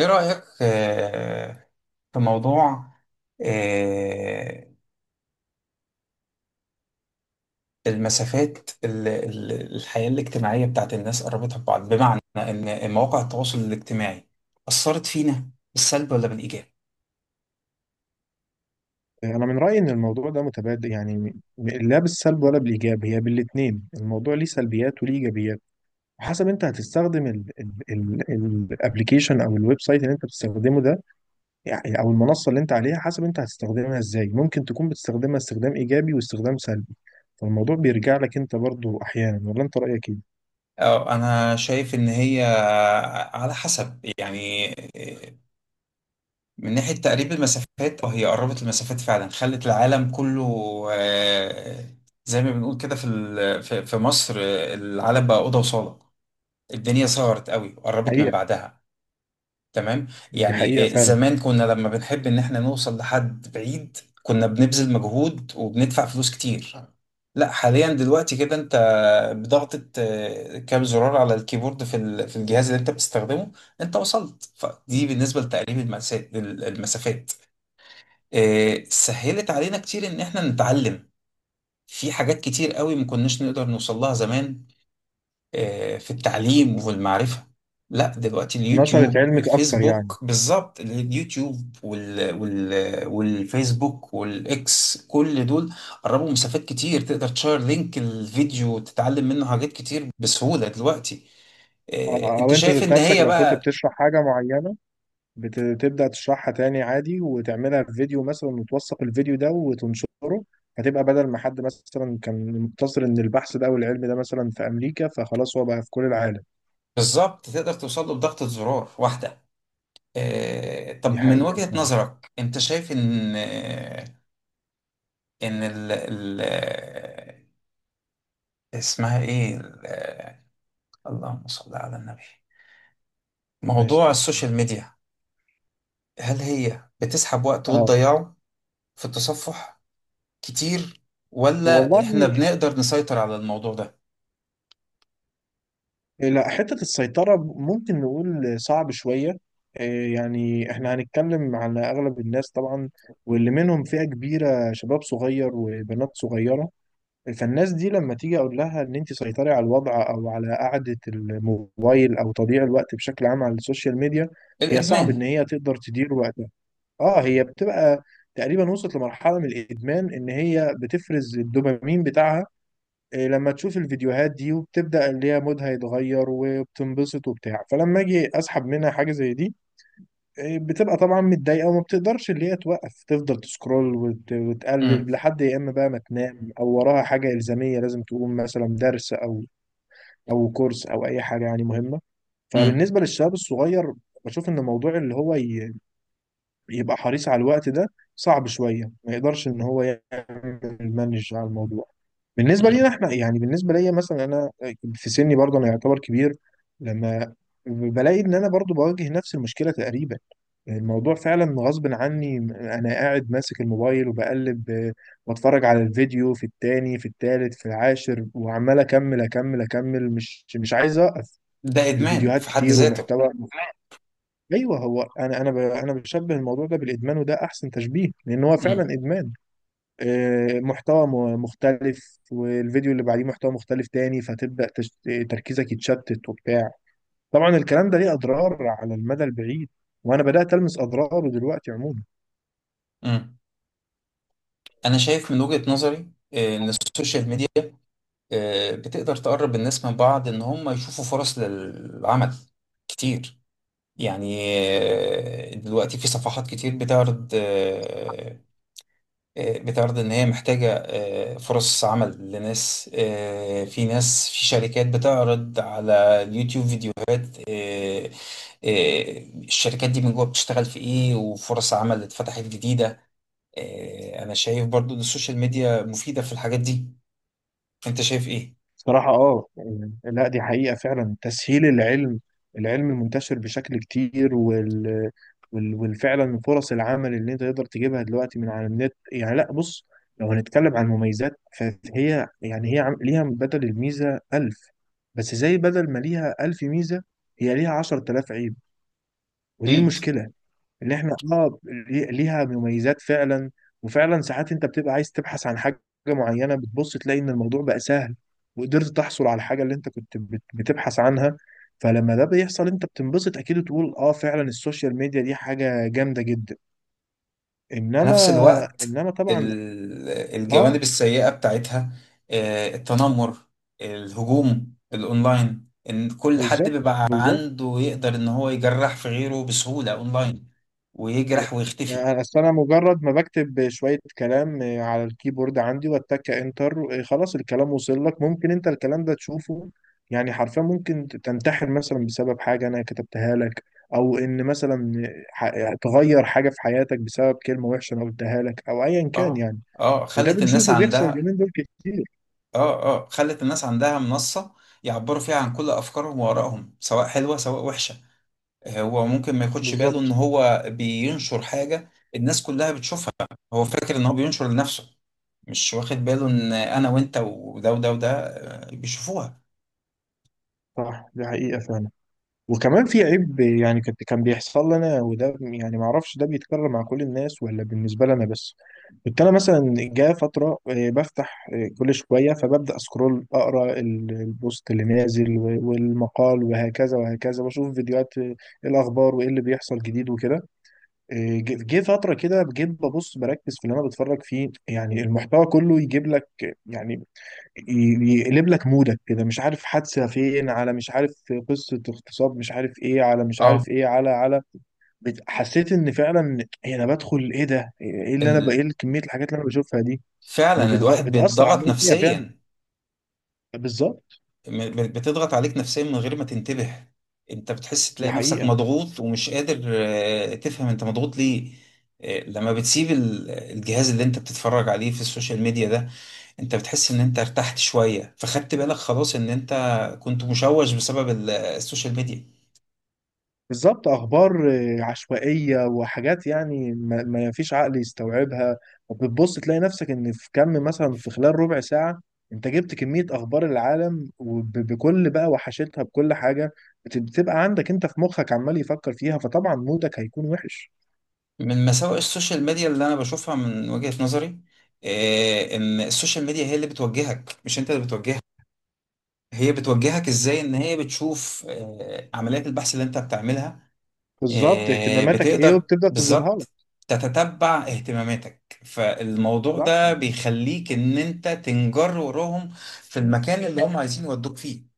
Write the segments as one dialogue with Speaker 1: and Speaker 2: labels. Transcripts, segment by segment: Speaker 1: إيه رأيك في موضوع آه، المسافات الحياة الاجتماعية بتاعت الناس قربتها ببعض، بمعنى إن مواقع التواصل الاجتماعي أثرت فينا بالسلب ولا بالإيجاب؟
Speaker 2: انا من رايي ان الموضوع ده متبادل، يعني لا بالسلب ولا بالايجاب، هي بالاثنين. الموضوع ليه سلبيات وليه ايجابيات وحسب انت هتستخدم الابلكيشن او الويب سايت اللي انت بتستخدمه ده، يعني او المنصه اللي انت عليها. حسب انت هتستخدمها ازاي، ممكن تكون بتستخدمها استخدام ايجابي واستخدام سلبي. فالموضوع بيرجع لك انت برضو احيانا، ولا انت رايك ايه؟
Speaker 1: أه، أنا شايف إن هي على حسب، يعني آه، من ناحية تقريب المسافات، وهي قربت المسافات فعلا، خلت العالم كله آه، زي ما بنقول كده في مصر. العالم بقى أوضة وصالة، الدنيا صغرت قوي وقربت من
Speaker 2: حقيقه.
Speaker 1: بعدها. تمام.
Speaker 2: دي حقيقه
Speaker 1: يعني
Speaker 2: فعلا.
Speaker 1: زمان كنا لما بنحب ان احنا نوصل لحد بعيد، كنا بنبذل مجهود وبندفع فلوس كتير. لا حاليا، دلوقتي كده انت بضغطة كام زرار على الكيبورد، في في الجهاز اللي انت بتستخدمه انت وصلت. فدي بالنسبة لتقريب المسافات. سهلت علينا كتير ان احنا نتعلم في حاجات كتير قوي ما كناش نقدر نوصل لها زمان، في التعليم وفي المعرفة. لا دلوقتي
Speaker 2: نشرت
Speaker 1: اليوتيوب
Speaker 2: علمك اكتر يعني.
Speaker 1: الفيسبوك، بالظبط اليوتيوب والفيسبوك والإكس، كل دول قربوا مسافات كتير. تقدر تشير لينك الفيديو وتتعلم منه حاجات كتير بسهولة دلوقتي.
Speaker 2: او
Speaker 1: انت
Speaker 2: انت
Speaker 1: شايف
Speaker 2: ذات
Speaker 1: ان
Speaker 2: نفسك
Speaker 1: هي
Speaker 2: لو كنت
Speaker 1: بقى
Speaker 2: بتشرح حاجه معينه، بتبدأ تشرحها تاني عادي وتعملها في فيديو مثلا وتوثق الفيديو ده وتنشره. هتبقى بدل ما حد مثلا كان مقتصر ان البحث ده والعلم ده مثلا في امريكا، فخلاص هو بقى في كل العالم.
Speaker 1: بالظبط تقدر توصل له بضغطة زرار واحدة.
Speaker 2: دي
Speaker 1: طب من
Speaker 2: حقيقة
Speaker 1: وجهة
Speaker 2: فعلا.
Speaker 1: نظرك انت شايف ان آه، ان ال... ال... آه، اسمها ايه ال- اللهم صل على النبي،
Speaker 2: نايس،
Speaker 1: موضوع
Speaker 2: تسلم.
Speaker 1: السوشيال ميديا، هل هي بتسحب وقت
Speaker 2: اه.
Speaker 1: وتضيعه في التصفح كتير،
Speaker 2: والله
Speaker 1: ولا احنا بنقدر نسيطر على الموضوع ده؟
Speaker 2: لا، حتة السيطرة ممكن نقول صعب شوية. إيه، يعني احنا هنتكلم على اغلب الناس طبعا، واللي منهم فئة كبيرة شباب صغير وبنات صغيرة. فالناس دي لما تيجي اقول لها ان انت سيطري على الوضع او على قعدة الموبايل او تضييع الوقت بشكل عام على السوشيال ميديا، هي صعب ان
Speaker 1: الإدمان.
Speaker 2: هي تقدر تدير وقتها. اه، هي بتبقى تقريبا وصلت لمرحلة من الادمان ان هي بتفرز الدوبامين بتاعها، لما تشوف الفيديوهات دي وبتبدأ اللي هي مودها يتغير وبتنبسط وبتاع. فلما اجي اسحب منها حاجة زي دي، بتبقى طبعا متضايقه وما بتقدرش اللي هي توقف، تفضل تسكرول وتقلب
Speaker 1: امم.
Speaker 2: لحد يا اما بقى ما تنام او وراها حاجه الزاميه لازم تقوم مثلا، درس او او كورس او اي حاجه يعني مهمه.
Speaker 1: امم.
Speaker 2: فبالنسبه للشباب الصغير، بشوف ان موضوع اللي هو يبقى حريص على الوقت ده صعب شويه، ما يقدرش ان هو يعمل مانج على الموضوع. بالنسبه لينا
Speaker 1: امم.
Speaker 2: احنا يعني، بالنسبه ليا مثلا انا في سني برضه انا يعتبر كبير، لما بلاقي ان انا برضه بواجه نفس المشكله تقريبا. الموضوع فعلا غصب عني، انا قاعد ماسك الموبايل وبقلب، بتفرج على الفيديو في التاني في التالت في العاشر وعمال اكمل اكمل اكمل، مش عايز اوقف.
Speaker 1: ده إدمان
Speaker 2: الفيديوهات
Speaker 1: في حد
Speaker 2: كتير
Speaker 1: ذاته.
Speaker 2: ومحتوى. ايوه، هو انا بشبه الموضوع ده بالادمان وده احسن تشبيه لان هو
Speaker 1: امم.
Speaker 2: فعلا ادمان. محتوى مختلف والفيديو اللي بعديه محتوى مختلف تاني، فتبدا تركيزك يتشتت وبتاع. طبعا الكلام ده ليه اضرار على المدى البعيد، وانا بدات المس اضراره دلوقتي عموما.
Speaker 1: امم. انا شايف من وجهة نظري ان السوشيال ميديا بتقدر تقرب الناس من بعض، ان هم يشوفوا فرص للعمل كتير. يعني دلوقتي في صفحات كتير بتعرض، بتعرض ان هي محتاجة فرص عمل لناس. في ناس في شركات بتعرض على اليوتيوب فيديوهات، الشركات دي من جوه بتشتغل في ايه، وفرص عمل اللي اتفتحت جديدة. انا شايف برضو ان السوشيال ميديا مفيدة في الحاجات دي. انت شايف ايه؟
Speaker 2: صراحة اه. لا، دي حقيقة فعلا، تسهيل العلم، العلم المنتشر بشكل كتير، والفعلا فرص العمل اللي انت تقدر تجيبها دلوقتي من على النت. يعني لا بص، لو هنتكلم عن المميزات فهي يعني هي ليها بدل الميزة ألف. بس زي بدل ما ليها ألف ميزة، هي ليها عشرة آلاف عيب، ودي
Speaker 1: أكيد.
Speaker 2: المشكلة. ان احنا اه ليها مميزات فعلا. وفعلا ساعات انت بتبقى عايز تبحث عن حاجه معينه، بتبص تلاقي ان الموضوع بقى سهل وقدرت تحصل على الحاجه اللي انت كنت بتبحث عنها. فلما ده بيحصل انت بتنبسط اكيد، وتقول اه فعلا السوشيال ميديا دي حاجه جامده جدا.
Speaker 1: في
Speaker 2: انما،
Speaker 1: نفس الوقت
Speaker 2: طبعا.
Speaker 1: ال-
Speaker 2: اه.
Speaker 1: الجوانب السيئة بتاعتها، التنمر، الهجوم الأونلاين، إن كل حد
Speaker 2: بالظبط،
Speaker 1: بيبقى
Speaker 2: بالظبط.
Speaker 1: عنده يقدر إن هو يجرح في غيره بسهولة أونلاين، ويجرح ويختفي.
Speaker 2: آه، اصل انا مجرد ما بكتب شويه كلام على الكيبورد عندي واتك انتر، خلاص الكلام وصل لك، ممكن انت الكلام ده تشوفه. يعني حرفيا ممكن تنتحر مثلا بسبب حاجه انا كتبتها لك، او ان مثلا تغير حاجه في حياتك بسبب كلمه وحشه انا قلتها لك او ايا كان
Speaker 1: آه،
Speaker 2: يعني.
Speaker 1: آه،
Speaker 2: وده
Speaker 1: خلت الناس
Speaker 2: بنشوفه بيحصل
Speaker 1: عندها،
Speaker 2: اليومين دول كتير.
Speaker 1: خلت الناس عندها منصة يعبروا فيها عن كل أفكارهم وآرائهم، سواء حلوة سواء وحشة. هو ممكن ما ياخدش باله
Speaker 2: بالظبط.
Speaker 1: إن هو بينشر حاجة الناس كلها بتشوفها. هو فاكر إن هو بينشر لنفسه، مش واخد باله ان انا وانت وده وده وده بيشوفوها.
Speaker 2: صح دي حقيقه فعلا. وكمان في عيب يعني كنت كان بيحصل لنا، وده يعني ما اعرفش ده بيتكرر مع كل الناس ولا بالنسبه لنا بس. كنت انا مثلا جاء فتره، بفتح كل شويه فببدا اسكرول، اقرا البوست اللي نازل والمقال وهكذا وهكذا، واشوف فيديوهات، آه، إيه الاخبار وايه اللي بيحصل جديد وكده. جه فتره كده، جيت ببص بركز في اللي انا بتفرج فيه، يعني المحتوى كله يجيب لك يعني يقلب لك مودك كده، مش عارف حادثة فين على مش عارف، قصة اغتصاب مش عارف ايه على مش
Speaker 1: اه.
Speaker 2: عارف ايه على على. حسيت ان فعلا إيه انا بدخل، ايه ده، ايه اللي انا بقى،
Speaker 1: ال...
Speaker 2: ايه كمية الحاجات اللي انا بشوفها دي.
Speaker 1: فعلا الواحد
Speaker 2: وبتأثر
Speaker 1: بيتضغط
Speaker 2: عليا فعلا.
Speaker 1: نفسيا.
Speaker 2: بالظبط.
Speaker 1: بتضغط عليك نفسيا من غير ما تنتبه. انت بتحس
Speaker 2: دي
Speaker 1: تلاقي نفسك
Speaker 2: حقيقة.
Speaker 1: مضغوط ومش قادر تفهم انت مضغوط ليه. لما بتسيب الجهاز اللي انت بتتفرج عليه في السوشيال ميديا ده، انت بتحس ان انت ارتحت شوية، فخدت بالك خلاص ان انت كنت مشوش بسبب السوشيال ميديا.
Speaker 2: بالظبط اخبار عشوائيه وحاجات يعني ما فيش عقل يستوعبها. وبتبص تلاقي نفسك ان في كم مثلا في خلال ربع ساعه، انت جبت كميه اخبار العالم وبكل بقى وحشتها بكل حاجه، بتبقى عندك انت في مخك عمال يفكر فيها، فطبعا مودك هيكون وحش.
Speaker 1: من مساوئ السوشيال ميديا اللي انا بشوفها من وجهة نظري ان السوشيال ميديا هي اللي بتوجهك، مش انت اللي بتوجهها. هي بتوجهك ازاي؟ ان هي بتشوف عمليات البحث اللي انت بتعملها.
Speaker 2: بالظبط اهتماماتك ايه
Speaker 1: بتقدر
Speaker 2: وبتبدا تظهرها لك.
Speaker 1: بالظبط تتتبع اهتماماتك، فالموضوع
Speaker 2: صح.
Speaker 1: ده بيخليك ان انت تنجر وراهم في المكان اللي هم عايزين يودوك فيه.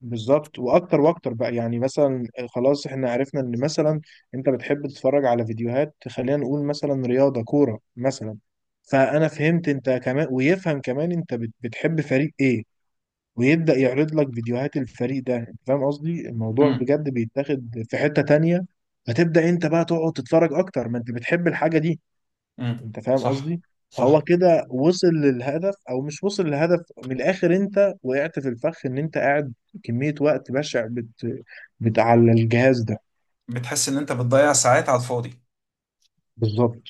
Speaker 2: بالظبط. واكتر واكتر بقى يعني مثلا، خلاص احنا عرفنا ان مثلا انت بتحب تتفرج على فيديوهات، خلينا نقول مثلا رياضه، كوره مثلا، فانا فهمت انت كمان ويفهم كمان انت بتحب فريق ايه، ويبدا يعرض لك فيديوهات الفريق ده. انت فاهم قصدي؟ الموضوع
Speaker 1: امم.
Speaker 2: بجد بيتاخد في حته تانية. فتبدا انت بقى تقعد تتفرج اكتر، ما انت بتحب الحاجه دي.
Speaker 1: امم.
Speaker 2: انت فاهم
Speaker 1: صح.
Speaker 2: قصدي. فهو
Speaker 1: صح.
Speaker 2: كده وصل للهدف او مش وصل للهدف، من الاخر انت وقعت في الفخ ان انت قاعد كمية وقت بشع بت على الجهاز ده.
Speaker 1: بتحس ان انت بتضيع ساعات على الفاضي.
Speaker 2: بالظبط.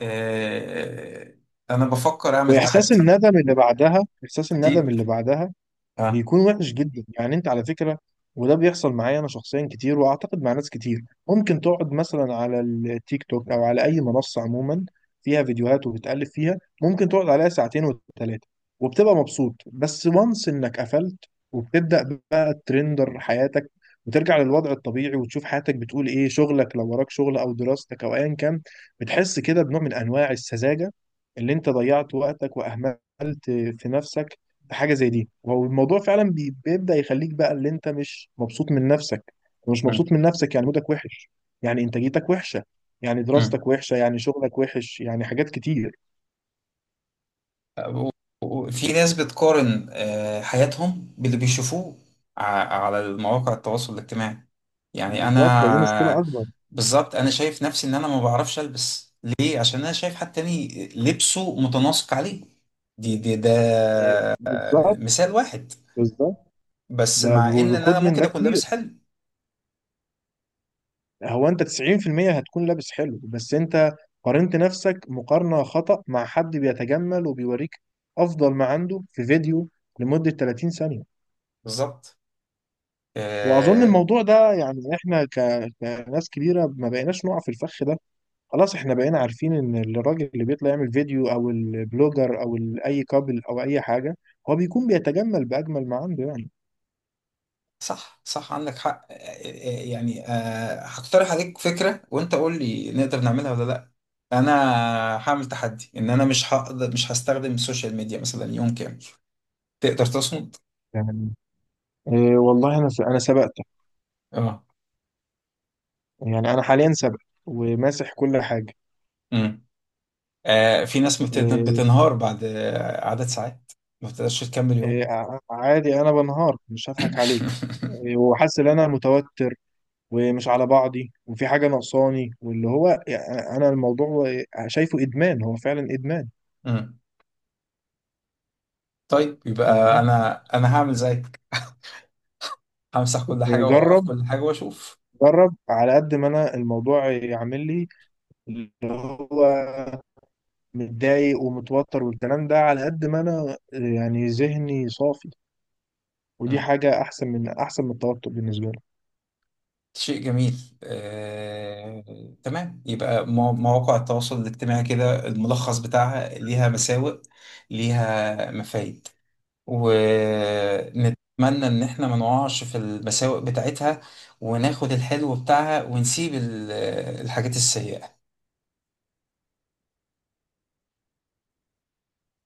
Speaker 1: آه، انا بفكر اعمل
Speaker 2: واحساس
Speaker 1: تحدي.
Speaker 2: الندم اللي بعدها، احساس الندم
Speaker 1: اكيد.
Speaker 2: اللي بعدها
Speaker 1: اه.
Speaker 2: بيكون وحش جدا يعني، انت على فكره. وده بيحصل معايا انا شخصيا كتير، واعتقد مع ناس كتير. ممكن تقعد مثلا على التيك توك او على اي منصه عموما فيها فيديوهات وبتقلب فيها، ممكن تقعد عليها ساعتين وثلاثه وبتبقى مبسوط. بس وانس انك قفلت، وبتبدا بقى ترندر حياتك وترجع للوضع الطبيعي وتشوف حياتك بتقول ايه، شغلك لو وراك شغل او دراستك او ايا كان، بتحس كده بنوع من انواع السذاجه اللي انت ضيعت وقتك واهملت في نفسك. حاجه زي دي، هو الموضوع فعلا بيبدا يخليك بقى اللي انت مش مبسوط من نفسك. مش
Speaker 1: مم.
Speaker 2: مبسوط من نفسك يعني مودك وحش. يعني انتاجيتك وحشه، يعني
Speaker 1: مم.
Speaker 2: دراستك وحشه، يعني شغلك وحش، يعني حاجات كتير.
Speaker 1: و- في ناس بتقارن حياتهم باللي بيشوفوه ع- على المواقع التواصل الاجتماعي. يعني
Speaker 2: بالظبط، ده دي مشكله
Speaker 1: انا،
Speaker 2: اكبر.
Speaker 1: بالظبط انا شايف نفسي ان انا ما بعرفش البس، ليه؟ عشان انا شايف حد تاني لبسه متناسق عليه. دي دي ده
Speaker 2: بالظبط.
Speaker 1: مثال واحد،
Speaker 2: بالظبط.
Speaker 1: بس
Speaker 2: ده
Speaker 1: مع ان إن انا
Speaker 2: خد من
Speaker 1: ممكن
Speaker 2: ده
Speaker 1: اكون
Speaker 2: كتير.
Speaker 1: لابس حلو.
Speaker 2: هو انت 90% هتكون لابس حلو، بس انت قارنت نفسك مقارنه خطأ مع حد بيتجمل وبيوريك افضل ما عنده في فيديو لمده 30 ثانيه.
Speaker 1: بالظبط.
Speaker 2: واظن
Speaker 1: آه،
Speaker 2: الموضوع ده يعني احنا كناس كبيره ما بقيناش نقع في الفخ ده. خلاص احنا بقينا عارفين ان الراجل اللي بيطلع يعمل فيديو او البلوجر او اي كابل او اي حاجه، هو بيكون بيتجمل باجمل ما عنده يعني.
Speaker 1: صح صح عندك حق. هقترح عليك فكرة وانت قول لي نقدر نعملها ولا لا. انا هعمل تحدي ان انا مش هقدر، مش هستخدم السوشيال ميديا مثلا يوم كامل. تقدر تصمد؟
Speaker 2: يعني إيه. والله انا انا سبقتك
Speaker 1: اه.
Speaker 2: يعني. انا حاليا سبق وماسح كل حاجه.
Speaker 1: امم. في ناس
Speaker 2: إيه.
Speaker 1: بتنهار بعد عدد ساعات، ما بتقدرش تكمل
Speaker 2: إيه
Speaker 1: يوم.
Speaker 2: عادي انا بنهار مش هضحك عليك. إيه، وحاسس ان انا متوتر ومش على بعضي، وفي حاجة ناقصاني، واللي هو يعني أنا الموضوع شايفه إدمان، هو فعلا إدمان.
Speaker 1: مم. طيب
Speaker 2: إيه،
Speaker 1: يبقى
Speaker 2: ها.
Speaker 1: انا هعمل زيك. همسح كل حاجة واوقف
Speaker 2: جرب.
Speaker 1: كل حاجة واشوف.
Speaker 2: جرب، على قد ما أنا الموضوع يعمل لي اللي هو متضايق ومتوتر والكلام ده، على قد ما أنا يعني ذهني صافي. ودي
Speaker 1: مم.
Speaker 2: حاجة أحسن من أحسن من التوتر بالنسبة لي.
Speaker 1: شيء جميل. آه، تمام. يبقى مواقع التواصل الاجتماعي كده الملخص بتاعها، ليها مساوئ، ليها مفايد، ونتمنى ان احنا ما نقعش في المساوئ بتاعتها، وناخد الحلو بتاعها ونسيب الحاجات السيئة.